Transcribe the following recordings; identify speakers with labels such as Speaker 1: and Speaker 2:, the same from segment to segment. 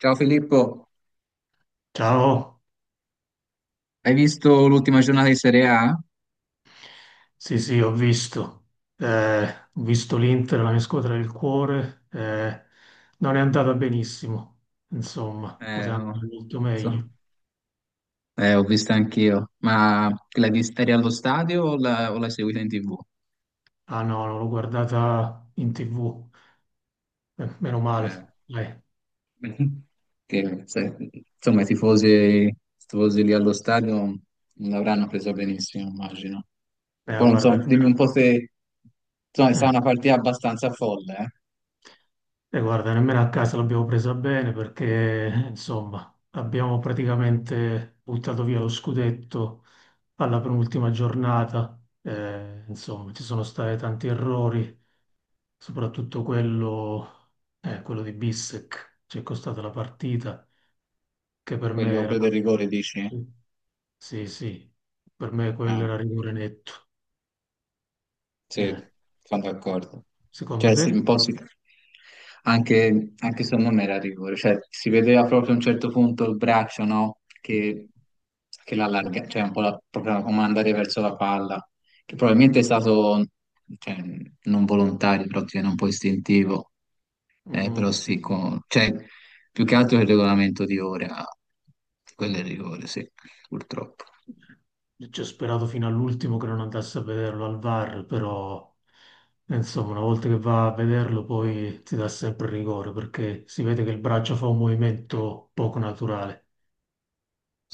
Speaker 1: Ciao Filippo,
Speaker 2: Ciao.
Speaker 1: hai visto l'ultima giornata di Serie A?
Speaker 2: Sì, sì, ho visto. Eh, Ho visto l'Inter, la mia squadra del cuore, non è andata benissimo. Insomma, poteva
Speaker 1: No,
Speaker 2: andare molto
Speaker 1: so-
Speaker 2: meglio.
Speaker 1: ho visto anch'io, ma l'hai vista eri allo stadio o o l'hai seguita in TV?
Speaker 2: Ah, no, non l'ho guardata in TV. Meno
Speaker 1: Eh,
Speaker 2: male. eh,
Speaker 1: che, se- insomma, i tifosi lì allo stadio non l'avranno presa benissimo, immagino. Poi non so,
Speaker 2: Guarda.
Speaker 1: dimmi un po' se... Insomma, è stata
Speaker 2: eh,
Speaker 1: una partita abbastanza folle, eh?
Speaker 2: Guarda, nemmeno a casa l'abbiamo presa bene perché, insomma, abbiamo praticamente buttato via lo scudetto alla penultima giornata. Insomma, ci sono stati tanti errori, soprattutto quello di Bissec, ci è costata la partita, che per me
Speaker 1: Quello,
Speaker 2: era...
Speaker 1: quello del rigore, dici?
Speaker 2: Sì, sì, per me quello era
Speaker 1: Ah.
Speaker 2: rigore netto.
Speaker 1: Sì,
Speaker 2: Eh,
Speaker 1: sono d'accordo.
Speaker 2: Secondo
Speaker 1: Cioè, sì,
Speaker 2: te?
Speaker 1: un po' anche se non era rigore, cioè, si vedeva proprio a un certo punto il braccio, no? Che l'allarga, cioè un po' proprio come andare verso la palla, che probabilmente è stato, cioè, non volontario, però tiene un po' istintivo,
Speaker 2: Mm,
Speaker 1: però
Speaker 2: sì.
Speaker 1: sì, cioè, più che altro il regolamento di ora, quello è il rigore, sì, purtroppo.
Speaker 2: Ci ho sperato fino all'ultimo che non andasse a vederlo al VAR, però insomma, una volta che va a vederlo poi ti dà sempre rigore perché si vede che il braccio fa un movimento poco naturale.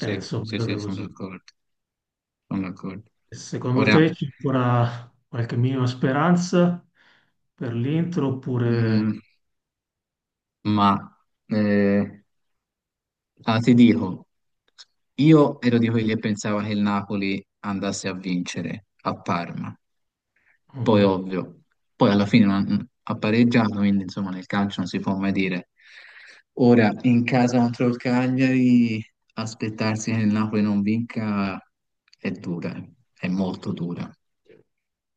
Speaker 2: E insomma, è
Speaker 1: sì,
Speaker 2: andata
Speaker 1: sì, sono
Speaker 2: così.
Speaker 1: d'accordo, sono d'accordo.
Speaker 2: Secondo
Speaker 1: Ora,
Speaker 2: te c'è ancora qualche minima speranza per l'Inter oppure...
Speaker 1: mm, Ma eh, ti dico, io ero di quelli che pensava che il Napoli andasse a vincere a Parma, poi
Speaker 2: Mhm.
Speaker 1: ovvio, poi alla fine ha pareggiato, quindi insomma nel calcio non si può mai dire. Ora in casa contro il Cagliari aspettarsi che il Napoli non vinca è dura, eh. È molto dura.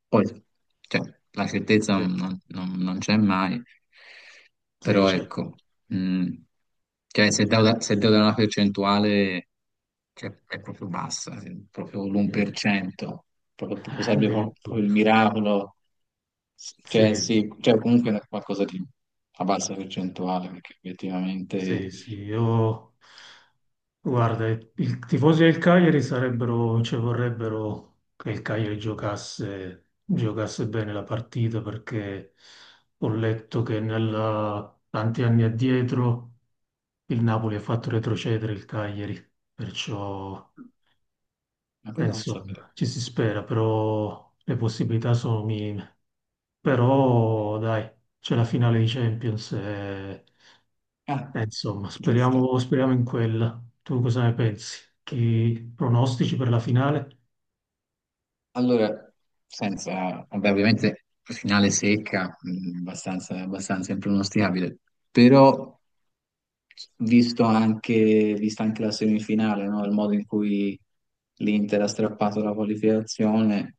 Speaker 1: Poi, cioè, la certezza
Speaker 2: Sì,
Speaker 1: non c'è mai,
Speaker 2: sì,
Speaker 1: però
Speaker 2: c'è.
Speaker 1: ecco, mh, cioè, se devo dare una percentuale, cioè, è proprio bassa, è proprio
Speaker 2: Mm.
Speaker 1: l'1%, proprio sarebbe
Speaker 2: Addirittura.
Speaker 1: proprio il miracolo, cioè
Speaker 2: Sì, sì.
Speaker 1: sì, cioè, comunque è qualcosa di a bassa percentuale, perché effettivamente.
Speaker 2: Sì, sì, io... Guarda, i tifosi del Cagliari sarebbero, cioè vorrebbero che il Cagliari giocasse, giocasse bene la partita perché ho letto che tanti anni addietro il Napoli ha fatto retrocedere il Cagliari, perciò
Speaker 1: Ma poi non lo sapevo.
Speaker 2: insomma ci si spera, però le possibilità sono minime. Però dai, c'è la finale di Champions e
Speaker 1: Ah,
Speaker 2: insomma,
Speaker 1: giusto.
Speaker 2: speriamo, speriamo in quella. Tu cosa ne pensi? Chi pronostici per la finale?
Speaker 1: Allora, senza, vabbè, ovviamente finale secca, abbastanza impronosticabile, però vista anche la semifinale, no? Il modo in cui l'Inter ha strappato la qualificazione,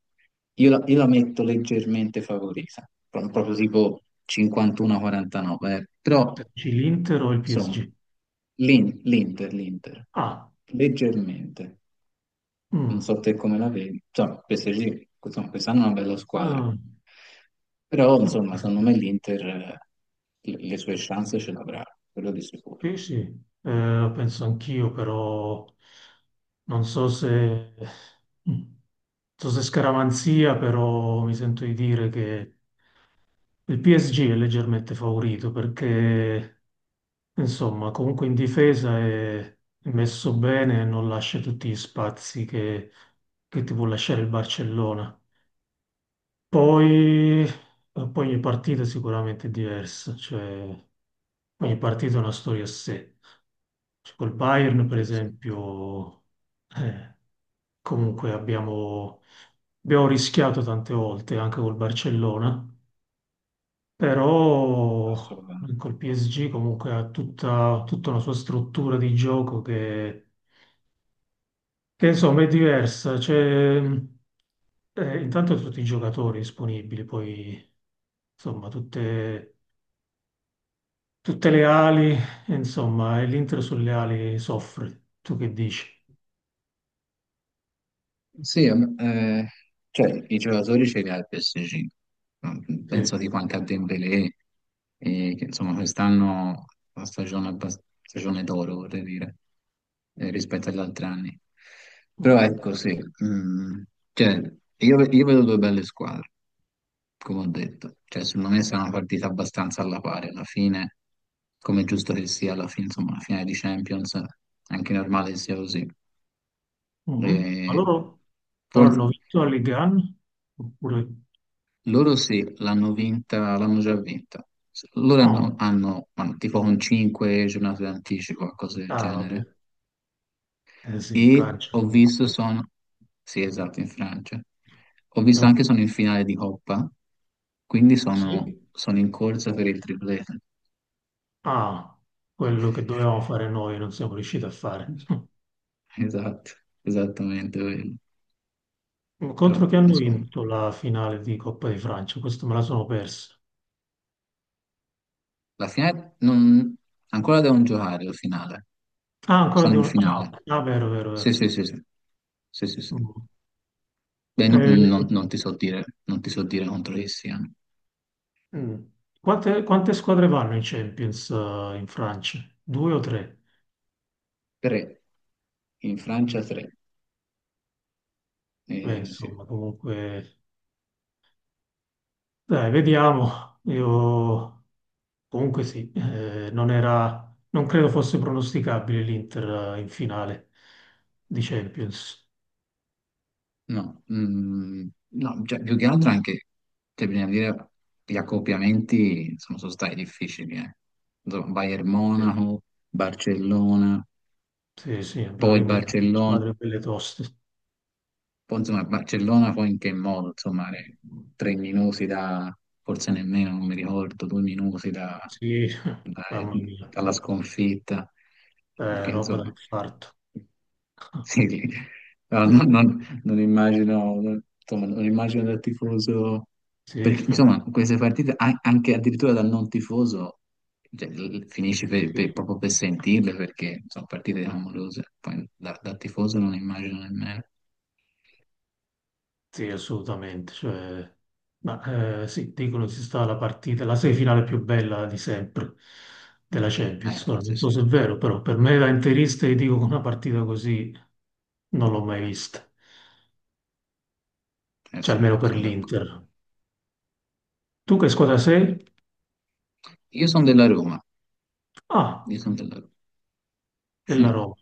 Speaker 1: io la metto leggermente favorita, proprio tipo 51-49, eh. Però
Speaker 2: Dici l'Inter o il PSG?
Speaker 1: insomma, l'Inter,
Speaker 2: Ah,
Speaker 1: leggermente non
Speaker 2: mm,
Speaker 1: so te come la vedi. Cioè, PSG, insomma, quest'anno è una bella squadra,
Speaker 2: ah,
Speaker 1: però
Speaker 2: eh,
Speaker 1: insomma, secondo me l'Inter le sue chance ce l'avrà, quello di sicuro,
Speaker 2: sì, sì. Penso anch'io, però non so se, mm. non so se scaramanzia, però mi sento di dire che il PSG è leggermente favorito perché insomma, comunque in difesa è messo bene e non lascia tutti gli spazi che ti può lasciare il Barcellona. Poi, poi ogni partita sicuramente è diversa, cioè ogni partita ha una storia a sé. Cioè, col Bayern, per
Speaker 1: quello sì,
Speaker 2: esempio, eh, comunque abbiamo rischiato tante volte anche col Barcellona, però
Speaker 1: assolutamente.
Speaker 2: col PSG comunque ha tutta, tutta una sua struttura di gioco insomma è diversa. C'è, intanto tutti i giocatori disponibili, poi insomma tutte, tutte le ali, insomma, e l'Inter sulle ali soffre. Tu che dici?
Speaker 1: Sì, cioè, i giocatori ce li ha il PSG. Penso
Speaker 2: Sì.
Speaker 1: tipo anche a Dembélé, che insomma quest'anno è una stagione d'oro, vorrei dire, rispetto agli altri anni. Però
Speaker 2: Mhm.
Speaker 1: ecco, sì, mm, cioè, io vedo due belle squadre, come ho detto. Cioè, secondo me sarà una partita abbastanza alla pari alla fine, come è giusto che sia alla fine, insomma, la finale di Champions, è anche normale che sia così.
Speaker 2: Mhm. Ma
Speaker 1: E
Speaker 2: loro
Speaker 1: forse.
Speaker 2: hanno vinto la Ligue 1? Oppure...
Speaker 1: Loro sì, l'hanno vinta, l'hanno già vinta. Loro
Speaker 2: Oh,
Speaker 1: hanno tipo con 5 giornate d'anticipo, cose del
Speaker 2: ah, vabbè,
Speaker 1: genere.
Speaker 2: eh sì, in
Speaker 1: E
Speaker 2: Francia
Speaker 1: ho visto
Speaker 2: comunque
Speaker 1: sono. Sì, esatto, in Francia. Ho
Speaker 2: è
Speaker 1: visto
Speaker 2: un...
Speaker 1: anche sono in finale di Coppa, quindi sono,
Speaker 2: Sì?
Speaker 1: sono in corsa per il triplete.
Speaker 2: Ah, quello che dovevamo fare noi non siamo riusciti a fare.
Speaker 1: Esatto, esattamente quello. Però,
Speaker 2: Contro che hanno
Speaker 1: insomma,
Speaker 2: vinto la finale di Coppa di Francia? Questo me la sono persa.
Speaker 1: la finale non, ancora devono giocare la finale.
Speaker 2: Ah, ancora
Speaker 1: Sono
Speaker 2: di
Speaker 1: in
Speaker 2: una. Ah,
Speaker 1: finale.
Speaker 2: ok. Ah, vero, vero,
Speaker 1: Sì,
Speaker 2: vero.
Speaker 1: sì, sì, sì. Sì, sì, sì.
Speaker 2: Mm.
Speaker 1: Beh, no-
Speaker 2: Eh,
Speaker 1: non, non ti so dire, non ti so dire contro chi siano.
Speaker 2: mm. Quante squadre vanno in Champions, in Francia? Due o tre?
Speaker 1: Tre. In Francia tre.
Speaker 2: Beh,
Speaker 1: Sì.
Speaker 2: insomma, comunque. Dai, vediamo. Io comunque sì, non era, non credo fosse pronosticabile l'Inter in finale di Champions.
Speaker 1: No, no, cioè, più che altro anche, cioè, bisogna dire, gli accoppiamenti sono stati difficili. Insomma, Bayern Monaco, Barcellona,
Speaker 2: Sì, sì, abbiamo eliminato
Speaker 1: Barcellona.
Speaker 2: squadre belle toste.
Speaker 1: Poi insomma a Barcellona poi in che modo? Insomma, 3 minuti da, forse nemmeno, non mi ricordo, 2 minuti
Speaker 2: Sì,
Speaker 1: da- eh,
Speaker 2: mamma mia,
Speaker 1: dalla sconfitta, che
Speaker 2: roba da
Speaker 1: insomma,
Speaker 2: infarto.
Speaker 1: sì, no, non, non- non immagino, insomma, non immagino dal tifoso,
Speaker 2: Sì,
Speaker 1: perché insomma queste partite, anche addirittura dal non tifoso, cioè, finisci
Speaker 2: sì.
Speaker 1: proprio per sentirle, perché sono partite clamorose, poi dal tifoso non immagino nemmeno,
Speaker 2: Sì, assolutamente. Cioè, ma sì, dicono si sta la partita, la semifinale più bella di sempre della Champions. Ora, non
Speaker 1: forse sì.
Speaker 2: so se è vero, però per me da interista ti dico che una partita così non l'ho mai vista.
Speaker 1: Eh
Speaker 2: Cioè,
Speaker 1: sì,
Speaker 2: almeno per
Speaker 1: sono d'accordo.
Speaker 2: l'Inter. Tu che squadra
Speaker 1: Eh,
Speaker 2: sei?
Speaker 1: Io sono della Roma,
Speaker 2: Ah,
Speaker 1: io sono della Roma.
Speaker 2: della
Speaker 1: Eh,
Speaker 2: Roma.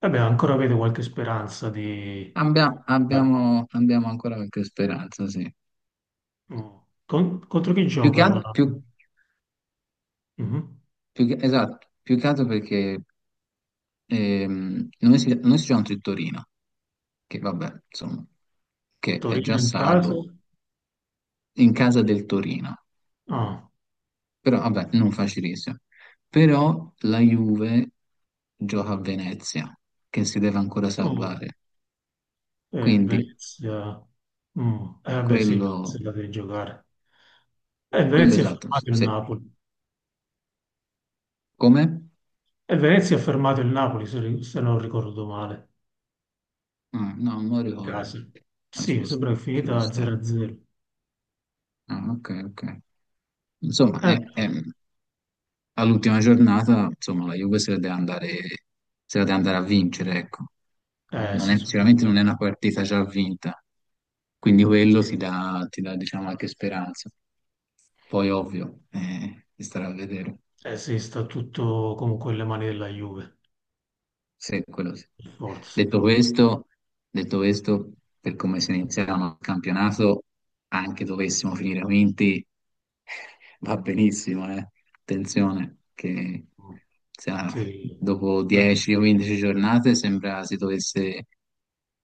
Speaker 2: Vabbè, ancora avete qualche speranza di...
Speaker 1: abbiamo ancora qualche speranza, sì.
Speaker 2: Mm. Contro chi
Speaker 1: Più che
Speaker 2: gioca la...
Speaker 1: altro, più,
Speaker 2: Mhm.
Speaker 1: più che- esatto, più che altro perché noi siamo contro il Torino, che vabbè, insomma, che è già
Speaker 2: Torino in casa?
Speaker 1: salvo in casa del Torino,
Speaker 2: Ah,
Speaker 1: però vabbè, non facilissimo. Però la Juve gioca a Venezia, che si deve ancora
Speaker 2: no.
Speaker 1: salvare, quindi
Speaker 2: Venezia. Mm. Vabbè, sì, Venezia
Speaker 1: quello.
Speaker 2: la devi giocare. E
Speaker 1: Quello
Speaker 2: Venezia ha
Speaker 1: esatto, sì,
Speaker 2: fermato il
Speaker 1: sì.
Speaker 2: Napoli.
Speaker 1: Come?
Speaker 2: E Venezia ha fermato il Napoli, se non ricordo male.
Speaker 1: Ah, no, non lo
Speaker 2: In
Speaker 1: ricordo,
Speaker 2: casa.
Speaker 1: ma ci
Speaker 2: Sì, mi
Speaker 1: può,
Speaker 2: sembra che è
Speaker 1: ci può
Speaker 2: finita
Speaker 1: stare.
Speaker 2: 0-0.
Speaker 1: Ah, ok, ok. Insomma,
Speaker 2: Eh,
Speaker 1: all'ultima giornata, insomma, la Juve se la deve andare a vincere, ecco.
Speaker 2: Beh,
Speaker 1: Non
Speaker 2: sì,
Speaker 1: è- Sicuramente non
Speaker 2: sicuramente.
Speaker 1: è una partita già vinta, quindi quello ti dà, diciamo, anche speranza. Poi, ovvio, si starà a vedere.
Speaker 2: Eh sì, sta tutto comunque nelle mani della Juve,
Speaker 1: Sì, quello sì.
Speaker 2: per forza.
Speaker 1: Detto questo, detto questo, per come si iniziava il campionato, anche dovessimo finire quinti, va benissimo, eh. Attenzione, che
Speaker 2: Mm.
Speaker 1: sa,
Speaker 2: Sì.
Speaker 1: dopo
Speaker 2: Beh,
Speaker 1: 10 o 15 giornate sembra si dovesse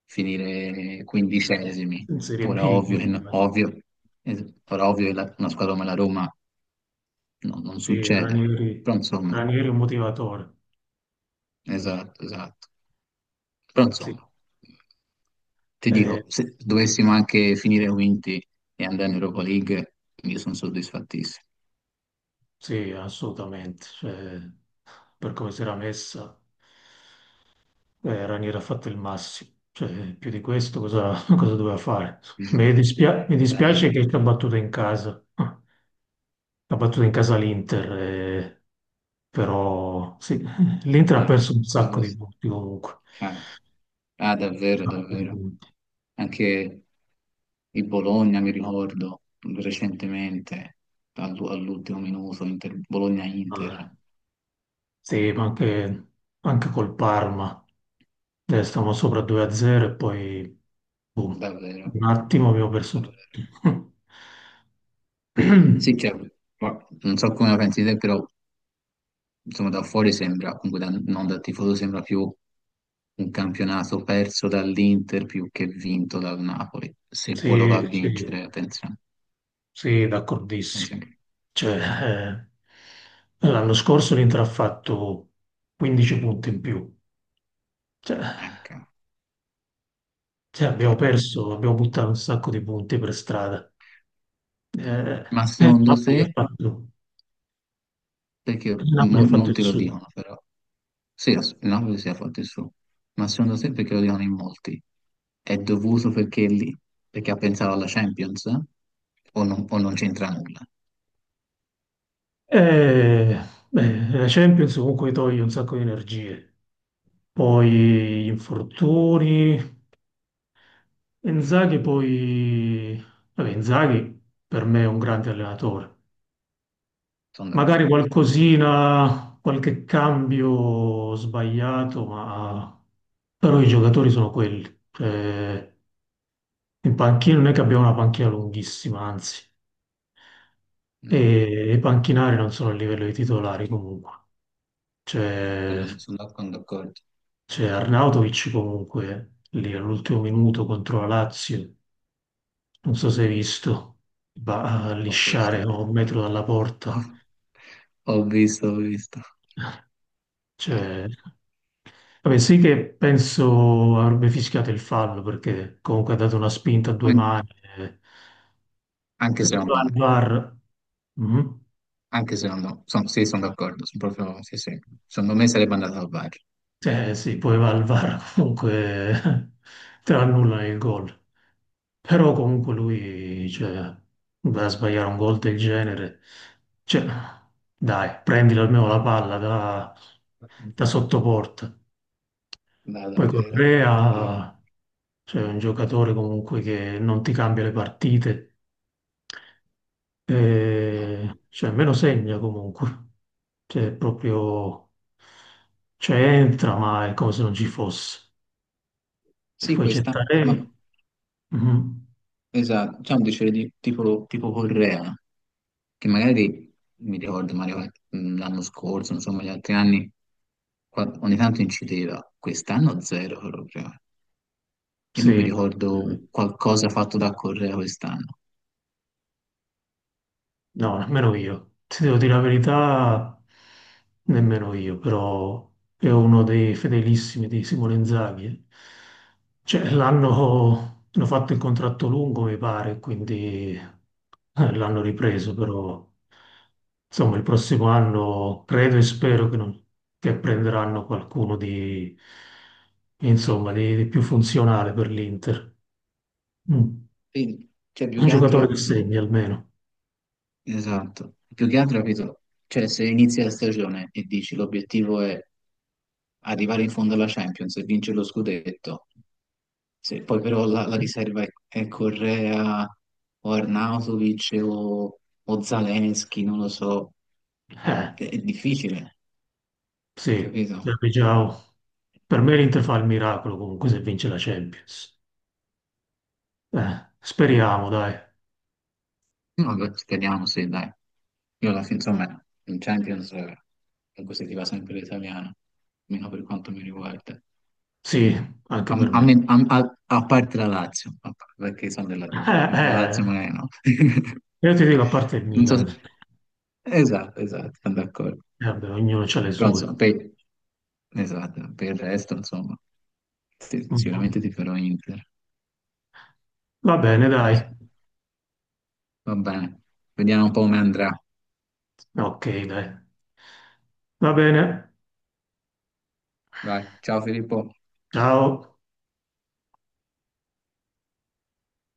Speaker 1: finire quindicesimi.
Speaker 2: in Serie
Speaker 1: Ora
Speaker 2: B,
Speaker 1: ovvio, che
Speaker 2: quindi,
Speaker 1: no-
Speaker 2: ma
Speaker 1: ovvio, ora ovvio che una squadra come la Roma non
Speaker 2: sì,
Speaker 1: succede,
Speaker 2: Ranieri,
Speaker 1: però insomma,
Speaker 2: Ranieri è un motivatore.
Speaker 1: esatto, esatto. Però
Speaker 2: Sì.
Speaker 1: insomma, ti
Speaker 2: eh,
Speaker 1: dico, se dovessimo anche finire quinti e andare in Europa League, io sono soddisfattissimo.
Speaker 2: Sì, assolutamente. Cioè, per come si era messa, Ranieri ha fatto il massimo. Cioè, più di questo cosa, cosa doveva fare? Mi
Speaker 1: Daniele.
Speaker 2: dispiace che ci ha battuto in casa. Ha battuto in casa l'Inter, però sì, l'Inter ha
Speaker 1: Ah,
Speaker 2: perso un sacco
Speaker 1: quello
Speaker 2: di
Speaker 1: sì.
Speaker 2: punti comunque.
Speaker 1: Ah, ah,
Speaker 2: Un
Speaker 1: davvero,
Speaker 2: sacco di
Speaker 1: davvero.
Speaker 2: punti.
Speaker 1: Anche il Bologna, mi ricordo, recentemente, all'ultimo minuto,
Speaker 2: Vabbè.
Speaker 1: Bologna-Inter,
Speaker 2: Sì, ma anche col Parma. Stavamo sopra 2-0 e poi, boom,
Speaker 1: davvero.
Speaker 2: un attimo abbiamo perso tutto.
Speaker 1: Davvero. Sì, cioè, ma non so come la pensi te, però insomma da fuori sembra, comunque non da tifoso, sembra più un campionato perso dall'Inter più che vinto dal Napoli, se poi lo va a
Speaker 2: Sì, sì,
Speaker 1: vincere, attenzione,
Speaker 2: sì, d'accordissimo.
Speaker 1: attenzione.
Speaker 2: Cioè, eh, l'anno scorso l'Inter ha fatto 15 punti in più. Cioè,
Speaker 1: Ecco,
Speaker 2: Abbiamo
Speaker 1: cioè,
Speaker 2: perso, abbiamo buttato un sacco di punti per strada. Eh,
Speaker 1: ma
Speaker 2: e il
Speaker 1: secondo
Speaker 2: Napoli ha
Speaker 1: te,
Speaker 2: fatto,
Speaker 1: perché
Speaker 2: il Napoli ha fatto il
Speaker 1: molti lo
Speaker 2: suo.
Speaker 1: dicono però, sì, il Napoli si è fatto il suo, ma secondo te perché lo dicono in molti? È dovuto perché, lì, perché ha pensato alla Champions? O non c'entra nulla?
Speaker 2: Eh, beh, la Champions comunque toglie un sacco di energie. Poi gli infortuni. Inzaghi poi... Vabbè, Inzaghi per me è un grande allenatore.
Speaker 1: Sono
Speaker 2: Magari
Speaker 1: d'accordo.
Speaker 2: qualcosina, qualche cambio sbagliato, ma... Però i giocatori sono quelli. Cioè, in panchina non è che abbiamo una panchina lunghissima, anzi.
Speaker 1: No,
Speaker 2: E i panchinari non sono a livello dei titolari comunque. C'è
Speaker 1: quello non sono d'accordo.
Speaker 2: c'è Arnautovic comunque lì all'ultimo minuto contro la Lazio. Non so se hai visto, va a
Speaker 1: Ho
Speaker 2: lisciare
Speaker 1: visto.
Speaker 2: a un metro dalla
Speaker 1: Ho,
Speaker 2: porta.
Speaker 1: ho visto, ho visto. Eh,
Speaker 2: Cioè, vabbè, sì che penso avrebbe fischiato il fallo perché comunque ha dato una spinta a due
Speaker 1: an-
Speaker 2: mani. Eh.
Speaker 1: anche
Speaker 2: Secondo me
Speaker 1: secondo
Speaker 2: al
Speaker 1: me,
Speaker 2: VAR... Mhm.
Speaker 1: anche secondo me, sì, sono d'accordo, sono proprio, sì, sì, secondo me sarebbe andato al VAR.
Speaker 2: Eh sì, poi va al VAR comunque te lo annullano il gol. Però comunque lui, cioè, va a sbagliare un gol del genere. Cioè, dai, prendilo almeno la palla da, sottoporta.
Speaker 1: No,
Speaker 2: Poi
Speaker 1: davvero. Sì,
Speaker 2: Correa, cioè, è un giocatore comunque che non ti cambia le partite.
Speaker 1: no.
Speaker 2: E, cioè, me lo segna comunque. Cioè, è proprio... Cioè, entra, ma è come se non ci fosse. E
Speaker 1: Sì,
Speaker 2: poi c'è
Speaker 1: questa, ma
Speaker 2: Taremi. Mhm.
Speaker 1: esatto, c'è un dicere di, tipo Correa, che magari mi ricordo Mario, l'anno scorso, insomma, gli altri anni, ogni tanto incideva, quest'anno zero proprio. Io non mi
Speaker 2: Sì.
Speaker 1: ricordo qualcosa fatto da Correa quest'anno.
Speaker 2: No, nemmeno io. Ti devo dire la verità, nemmeno io, però è uno dei fedelissimi di Simone Inzaghi. Eh. Cioè,
Speaker 1: Mm.
Speaker 2: l'hanno hanno fatto il contratto lungo, mi pare, quindi l'hanno ripreso, però insomma il prossimo anno credo e spero che, non- che prenderanno qualcuno di, insomma, di, più funzionale per l'Inter. Mm.
Speaker 1: Quindi, cioè, più
Speaker 2: Un
Speaker 1: che
Speaker 2: giocatore che
Speaker 1: altro,
Speaker 2: segni almeno.
Speaker 1: esatto, più che altro, capito? Cioè, se inizi la stagione e dici l'obiettivo è arrivare in fondo alla Champions e vincere lo scudetto, se poi però la riserva è Correa o Arnautovic o Zaleschi, non lo so,
Speaker 2: Eh.
Speaker 1: è difficile,
Speaker 2: Sì,
Speaker 1: capito?
Speaker 2: serve Giao. Per me l'Inter fa il miracolo comunque se vince la Champions.
Speaker 1: No,
Speaker 2: Speriamo, dai.
Speaker 1: vabbè, speriamo, sì, dai. Io alla fine, insomma, in Champions comunque si ti va sempre l'italiano, almeno per quanto mi riguarda.
Speaker 2: Sì, anche
Speaker 1: A,
Speaker 2: per
Speaker 1: a
Speaker 2: me.
Speaker 1: me- a- a- a parte la Lazio, perché sono della
Speaker 2: Eh,
Speaker 1: Roma, quindi la Lazio
Speaker 2: eh,
Speaker 1: magari no.
Speaker 2: io ti dico a parte il
Speaker 1: Non so
Speaker 2: Milan.
Speaker 1: se- Esatto, esatto, sono d'accordo.
Speaker 2: Vabbè, ognuno ha le
Speaker 1: Però
Speaker 2: sue.
Speaker 1: insomma, Esatto, per il resto, insomma, sì, sì, sicuramente
Speaker 2: Mhm.
Speaker 1: ti farò Inter.
Speaker 2: Va bene,
Speaker 1: Poi,
Speaker 2: dai.
Speaker 1: insomma, va bene, vediamo un po' come andrà.
Speaker 2: Ok, dai. Va bene.
Speaker 1: Vai, ciao Filippo.
Speaker 2: Ciao.